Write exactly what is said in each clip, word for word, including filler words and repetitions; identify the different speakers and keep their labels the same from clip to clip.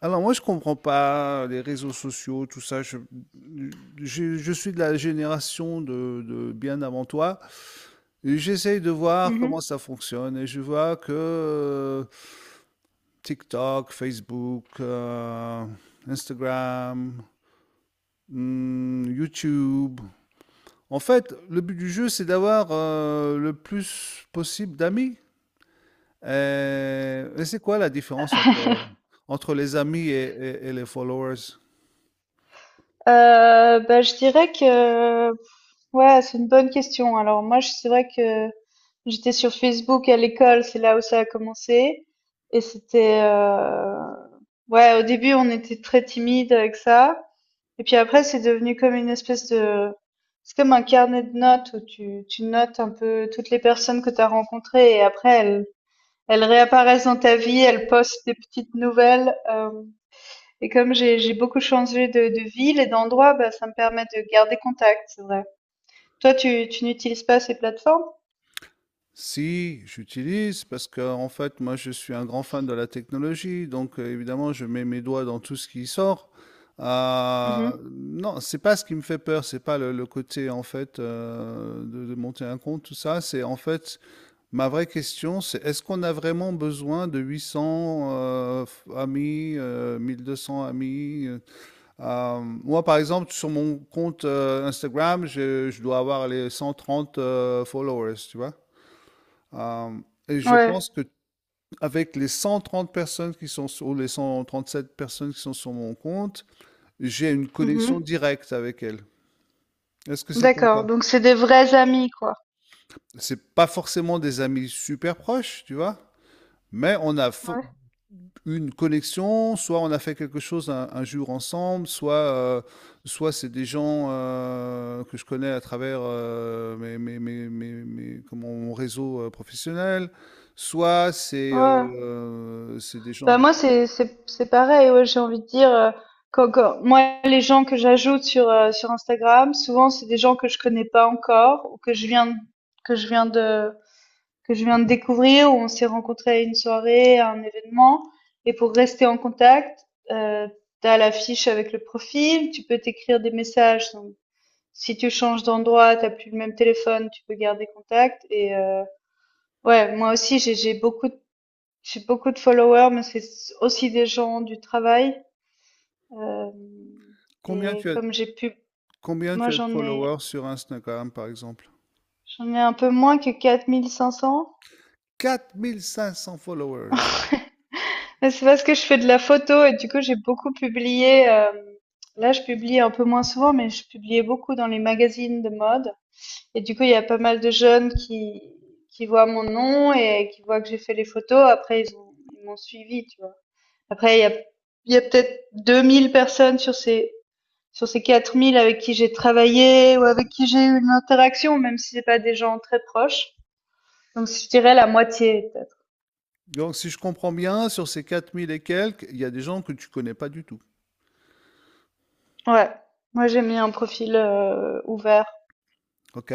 Speaker 1: Alors moi je comprends pas les réseaux sociaux, tout ça. Je, je, je suis de la génération de, de bien avant toi. Et J'essaye de voir
Speaker 2: Mmh
Speaker 1: comment
Speaker 2: mh.
Speaker 1: ça fonctionne et je vois que euh, TikTok, Facebook, euh, Instagram, hmm, YouTube. En fait, le but du jeu c'est d'avoir euh, le plus possible d'amis. Et, et c'est quoi la différence entre, entre les amis et et- et les followers?
Speaker 2: bah, je dirais que ouais, c'est une bonne question. Alors moi, je c'est vrai que j'étais sur Facebook à l'école, c'est là où ça a commencé et c'était, heu, ouais, au début, on était très timide avec ça et puis après, c'est devenu comme une espèce de c'est comme un carnet de notes où tu tu notes un peu toutes les personnes que tu as rencontrées et après elles elles réapparaissent dans ta vie, elles postent des petites nouvelles, hem Et comme j'ai j'ai beaucoup changé de de ville et d'endroit, bah, ça me permet de garder contact, c'est vrai. Toi, tu tu n'utilises pas ces plateformes?
Speaker 1: Si, j'utilise parce que en fait, moi, je suis un grand fan de la technologie, donc euh, évidemment, je mets mes doigts dans tout ce qui sort.
Speaker 2: Mmh.
Speaker 1: Euh, non, c'est pas ce qui me fait peur, c'est pas le, le côté en fait euh, de, de monter un compte, tout ça. C'est en fait ma vraie question, c'est est-ce qu'on a vraiment besoin de huit cents euh, f- amis, euh, mille deux cents amis? Euh, euh, moi, par exemple, sur mon compte euh, Instagram, je, je dois avoir les cent trente euh, followers, tu vois. Euh, et je
Speaker 2: Ouais.
Speaker 1: pense que avec les cent trente personnes qui sont sur, ou les cent trente-sept personnes qui sont sur mon compte, j'ai une connexion
Speaker 2: Mmh.
Speaker 1: directe avec elles. Est-ce que c'est ton cas?
Speaker 2: D'accord, donc c'est des vrais amis, quoi.
Speaker 1: C'est pas forcément des amis super proches, tu vois, mais on a fo-
Speaker 2: Ouais.
Speaker 1: une connexion, soit on a fait quelque chose un, un jour ensemble, soit, euh, soit c'est des gens euh, que je connais à travers euh, mes, mes- mes- mes- mes- comment, mon réseau euh, professionnel, soit c'est
Speaker 2: Ouais.
Speaker 1: euh, c'est des gens.
Speaker 2: Bah, moi, c'est c'est c'est pareil, ouais, j'ai envie de dire, heu, quand quand moi, les gens que j'ajoute sur, heu, sur Instagram, souvent, c'est des gens que je connais pas encore ou que je viens que je viens de que je viens de découvrir, où on s'est rencontrés à une soirée, à un événement. Et pour rester en contact, euh, tu as la fiche avec le profil, tu peux t'écrire des messages. Donc, si tu changes d'endroit, t'as plus le même téléphone, tu peux garder contact. Et euh, ouais, moi aussi, j'ai j'ai beaucoup, de- j'ai beaucoup de followers, mais c'est aussi des gens du travail. Euh,
Speaker 1: Combien
Speaker 2: et
Speaker 1: tu as,
Speaker 2: comme j'ai pu,
Speaker 1: combien
Speaker 2: moi
Speaker 1: tu as de
Speaker 2: j'en ai,
Speaker 1: followers sur Instagram, par exemple?
Speaker 2: j'en ai un peu moins que quatre mille cinq cents.
Speaker 1: Quatre mille cinq cents followers.
Speaker 2: Mais C'est parce que je fais de la photo et du coup j'ai beaucoup publié. euh, là je publie un peu moins souvent, mais je publiais beaucoup dans les magazines de mode. Et du coup il y a pas mal de jeunes qui qui voient mon nom et qui voient que j'ai fait les photos. Après ils ont ils m'ont suivi, tu vois. Après il y a il y a peut-être deux mille personnes sur ces sur ces quatre mille avec qui j'ai travaillé ou avec qui j'ai eu une interaction, même si c'est pas des gens très proches. Donc je dirais la moitié peut-être.
Speaker 1: Donc, si je comprends bien, sur ces quatre mille et quelques, il y a des gens que tu connais pas du tout.
Speaker 2: Ouais. Moi j'ai mis un profil euh, ouvert.
Speaker 1: OK?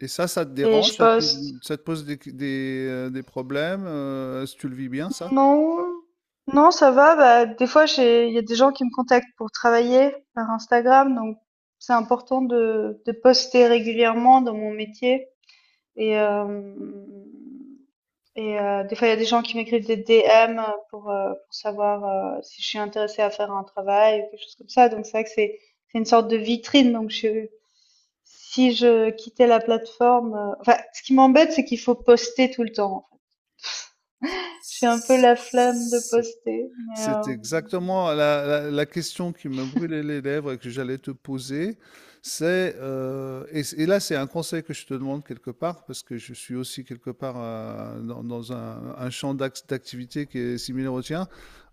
Speaker 1: Et ça, ça te
Speaker 2: Et
Speaker 1: dérange?
Speaker 2: je
Speaker 1: Ça te pose,
Speaker 2: poste.
Speaker 1: ça te pose des, des, euh, des problèmes? Euh, est-ce que tu le vis bien, ça?
Speaker 2: Non, non, ça va. Bah, des fois, j'ai, il y a des gens qui me contactent pour travailler par Instagram, donc c'est important de, de poster régulièrement dans mon métier. Et, euh, et euh, des fois, il y a des gens qui m'écrivent des D M pour, euh, pour savoir euh, si je suis intéressée à faire un travail ou quelque chose comme ça. Donc c'est vrai que c'est c'est une sorte de vitrine. Donc je, si je quittais la plateforme, euh, enfin, ce qui m'embête, c'est qu'il faut poster tout le temps. J'ai un peu la flemme de poster, mais euh,
Speaker 1: C'est exactement la la la question qui me brûlait les lèvres et que j'allais te poser. C'est, heu et et là, c'est un conseil que je te demande quelque part, parce que je suis aussi quelque part, heu, dans dans un un champ d'act d'activité qui est similaire au tien.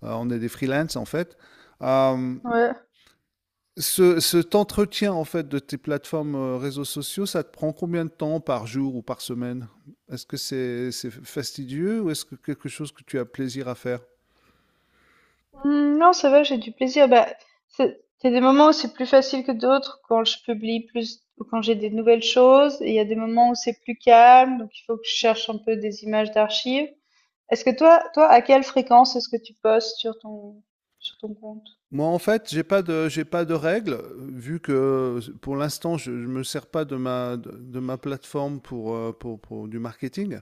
Speaker 1: Heu, on est des freelances, en fait. Hem,
Speaker 2: ouais.
Speaker 1: ce cet entretien, en fait, de tes plateformes, heu, réseaux sociaux, ça te prend combien de temps par jour ou par semaine? Est-ce que c'est c'est fastidieux ou est-ce que quelque chose que tu as plaisir à faire?
Speaker 2: Hmm, Non, ça va, j'ai du plaisir. Bah, c'est- il y a des moments où c'est plus facile que d'autres quand je publie plus ou quand j'ai des nouvelles choses. Et il y a des moments où c'est plus calme, donc il faut que je cherche un peu des images d'archives. Est-ce que toi, toi, à quelle fréquence est-ce que tu postes sur ton sur ton compte?
Speaker 1: Moi, en fait, j'ai pas de j'ai pas de règles, heu, vu que s pour l'instant, je je me sers pas de ma de de ma plateforme pour, heu, pour pour du marketing.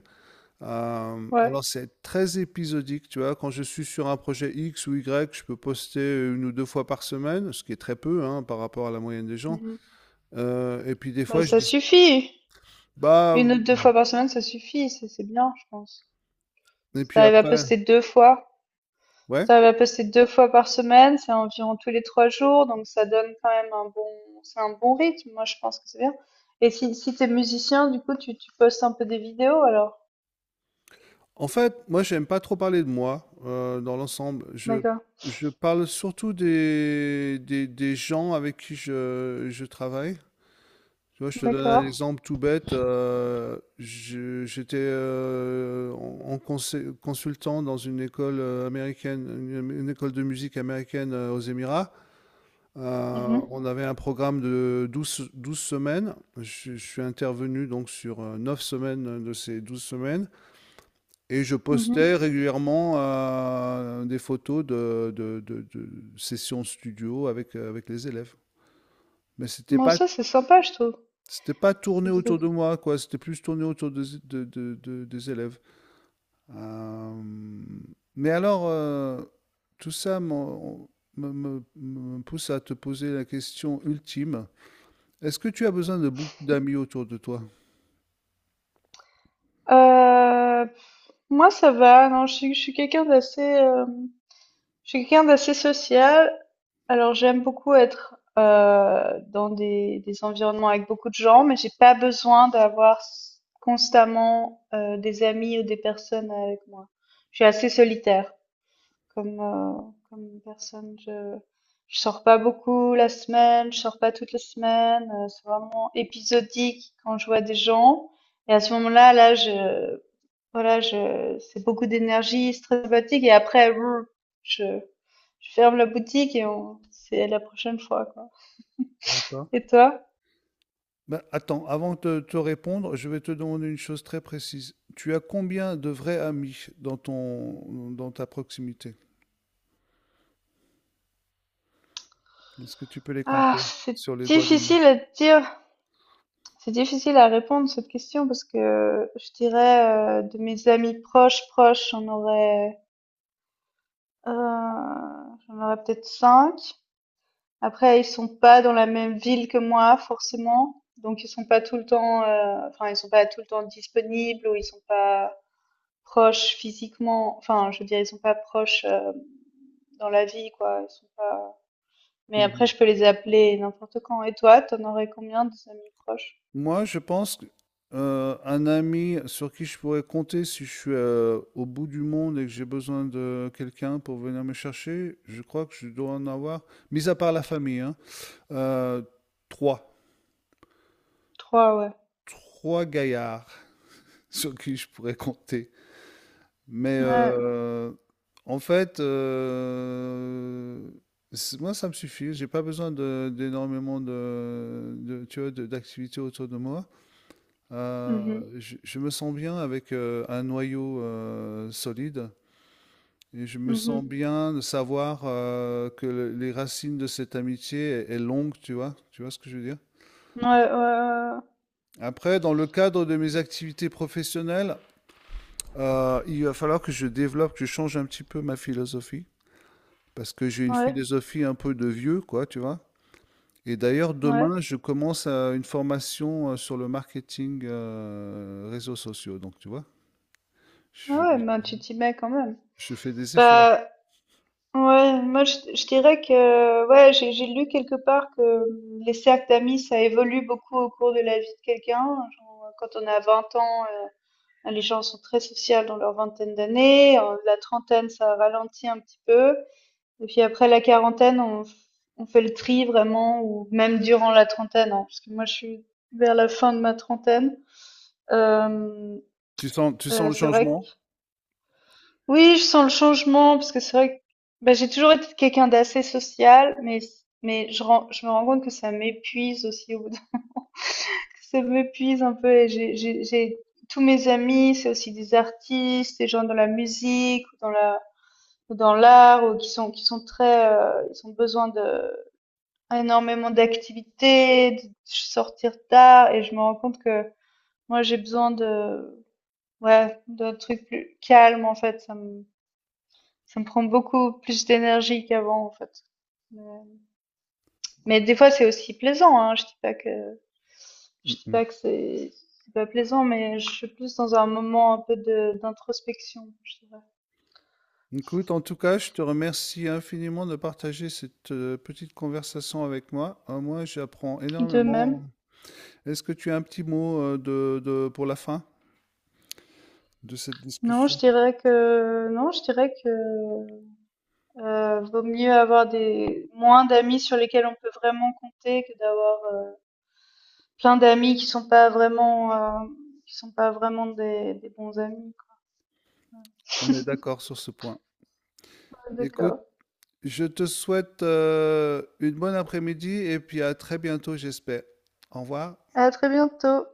Speaker 1: Hem,
Speaker 2: Ouais.
Speaker 1: alors c'est très épisodique, tu vois? Quand je suis sur un projet X ou Y, je peux poster une ou deux fois par semaine, ce qui est très peu, hein, par rapport à la moyenne des gens.
Speaker 2: Mhm.
Speaker 1: Heu et puis des
Speaker 2: Bah,
Speaker 1: fois je
Speaker 2: ça
Speaker 1: dis:
Speaker 2: suffit.
Speaker 1: «Bah»
Speaker 2: Une ou deux fois par semaine, ça suffit. C'est c'est bien, je pense.
Speaker 1: et
Speaker 2: Si
Speaker 1: puis
Speaker 2: t'arrives à
Speaker 1: après
Speaker 2: poster deux fois.
Speaker 1: ouais?
Speaker 2: Ça va passer deux fois par semaine, c'est environ tous les trois jours, donc ça donne quand même un bon c'est un bon rythme, moi je pense que c'est bien. Et si si t'es musicien, du coup tu tu postes un peu des vidéos alors?
Speaker 1: En fait, moi, j'aime pas trop parler de moi euh, dans l'ensemble. Je,
Speaker 2: D'accord,
Speaker 1: je parle surtout des, des, des gens avec qui je, je travaille. Tu vois, je te donne un
Speaker 2: d'accord.
Speaker 1: exemple tout bête. euh, je- j'étais euh, en, en conse- consultant dans une école euh, américaine, une, une école de musique américaine euh, aux Émirats. Euh,
Speaker 2: Mhm,
Speaker 1: on avait un programme de douze douze semaines. Je, je suis intervenu donc sur euh, neuf semaines de ces douze semaines. Et je postais
Speaker 2: mhm.
Speaker 1: régulièrement euh, des photos de, de, de- de sessions studio avec, euh, avec les élèves. Mais c'était
Speaker 2: Bon
Speaker 1: pas,
Speaker 2: ça c'est sympa je trouve.
Speaker 1: c'était pas tourné
Speaker 2: C'est c'est
Speaker 1: autour de moi, quoi. C'était plus tourné autour des, de- de- de- des élèves. Euh, mais alors, euh, tout ça m'en- me, me- me pousse à te poser la question ultime. Est-ce que tu as besoin de beaucoup d'amis autour de toi?
Speaker 2: heu, moi ça va, non je suis je suis quelqu'un d'assez, euh, je suis quelqu'un d'assez social, alors j'aime beaucoup être euh, dans des, des environnements avec beaucoup de gens, mais j'ai pas besoin d'avoir s- constamment euh, des amis ou des personnes avec moi. Je suis assez solitaire comme euh, comme personne. Je je sors pas beaucoup la semaine, je sors pas toute la semaine. euh, c'est vraiment épisodique quand je vois des gens. Et à ce moment-là, là, je voilà, je, c'est beaucoup d'énergie, c'est très fatigue et après, brr, je, je ferme la boutique et on, c'est la prochaine fois, quoi.
Speaker 1: D'accord.
Speaker 2: Et toi?
Speaker 1: Bah, attends, avant de te te répondre, je vais te demander une chose très précise. Tu as combien de vrais amis dans ton, dans ta proximité? Est-ce que tu peux les
Speaker 2: Ah,
Speaker 1: compter
Speaker 2: c'est
Speaker 1: sur les doigts d'une
Speaker 2: difficile à dire. C'est difficile à répondre cette question parce que je dirais euh, de mes amis proches, proches, j'en aurais, euh, j'en aurais peut-être cinq. Après, ils sont pas dans la même ville que moi, forcément. Donc, ils sont pas tout le temps, euh, enfin, ils sont pas tout le temps disponibles ou ils sont pas, proches physiquement. Enfin, je veux dire, ils sont pas proches euh, dans la vie, quoi. Ils sont pas... Mais
Speaker 1: main?
Speaker 2: après,
Speaker 1: Mhm.
Speaker 2: je peux les appeler n'importe quand. Et toi, t'en aurais combien de amis proches?
Speaker 1: Moi, je pense que, euh, un ami sur qui je pourrais compter si je suis euh, au bout du monde et que j'ai besoin de quelqu'un pour venir me chercher, je crois que je dois en avoir, mis à part la famille, hein, euh, trois.
Speaker 2: Trois, ouais.
Speaker 1: Trois gaillards sur qui je pourrais compter. Mais
Speaker 2: Ouais.
Speaker 1: euh, en fait, euh, c- moi, ça me suffit. J'ai pas besoin de- d'énormément de, de- tu vois, de- d'activités autour de moi. Euh,
Speaker 2: Mhm.
Speaker 1: je, je me sens bien avec euh, un noyau euh, solide. Et je me
Speaker 2: Mhm.
Speaker 1: sens bien de savoir euh, que le- les racines de cette amitié est, est longue, tu vois, tu vois ce que je veux dire?
Speaker 2: Ouais, ouais,
Speaker 1: Après, dans le cadre de mes activités professionnelles, Euh, il va falloir que je développe, que je change un petit peu ma philosophie, parce que j'ai une
Speaker 2: ouais, ouais.
Speaker 1: philosophie un peu de vieux, quoi, tu vois. Et d'ailleurs,
Speaker 2: Ouais,
Speaker 1: demain, je commence euh, une formation euh, sur le marketing euh, réseaux sociaux, donc tu vois,
Speaker 2: Ah ouais,
Speaker 1: je,
Speaker 2: ben tu t'y mets quand même.
Speaker 1: je fais des efforts.
Speaker 2: Bah, ouais, moi je, je dirais que, ouais, j'ai j'ai lu quelque part que les cercles d'amis, ça évolue beaucoup au cours de la vie de quelqu'un. Genre, quand on a vingt ans, euh, Les gens sont très sociaux dans leur vingtaine d'années. En La trentaine, ça ralentit un petit peu. Et puis après la quarantaine, on, on fait le tri vraiment, ou même durant la trentaine, hein, parce que moi, je suis vers la fin de ma trentaine. Euh,
Speaker 1: Tu sens, tu sens
Speaker 2: euh,
Speaker 1: le
Speaker 2: c'est vrai que
Speaker 1: changement?
Speaker 2: oui, je sens le changement parce que c'est vrai que bah, j'ai toujours été quelqu'un d'assez social, mais mais je, ren- je me rends compte que ça m'épuise aussi au bout. Ça m'épuise un peu et j'ai j'ai j'ai tous mes amis, c'est aussi des artistes, des gens dans la musique, ou dans la ou dans l'art, ou qui sont qui sont très heu, ils ont besoin de énormément d'activités, de sortir tard et je me rends compte que moi j'ai besoin de ouais, d'un truc plus calme en fait, ça me ça me prend beaucoup plus d'énergie qu'avant en fait. Mais mais des fois c'est aussi plaisant, hein, je dis pas que Je
Speaker 1: Mm,
Speaker 2: dis
Speaker 1: mm.
Speaker 2: pas que c'est c'est pas plaisant, mais je suis plus dans un moment un peu de d'introspection, je dirais.
Speaker 1: Écoute, en tout cas, je te remercie infiniment de partager cette euh, petite conversation avec moi. Euh, moi, j'apprends
Speaker 2: De même.
Speaker 1: énormément. Est-ce que tu as un petit mot euh, de, de- pour la fin de cette
Speaker 2: Non, je
Speaker 1: discussion?
Speaker 2: dirais que non, je dirais que euh, vaut mieux avoir des moins d'amis sur lesquels on peut vraiment compter que d'avoir euh, plein d'amis qui sont pas vraiment euh, qui sont pas vraiment des, des bons amis, quoi.
Speaker 1: On est d'accord sur ce point. Écoute,
Speaker 2: D'accord.
Speaker 1: je te souhaite euh, une bonne après-midi et puis à très bientôt, j'espère. Au revoir.
Speaker 2: À très bientôt.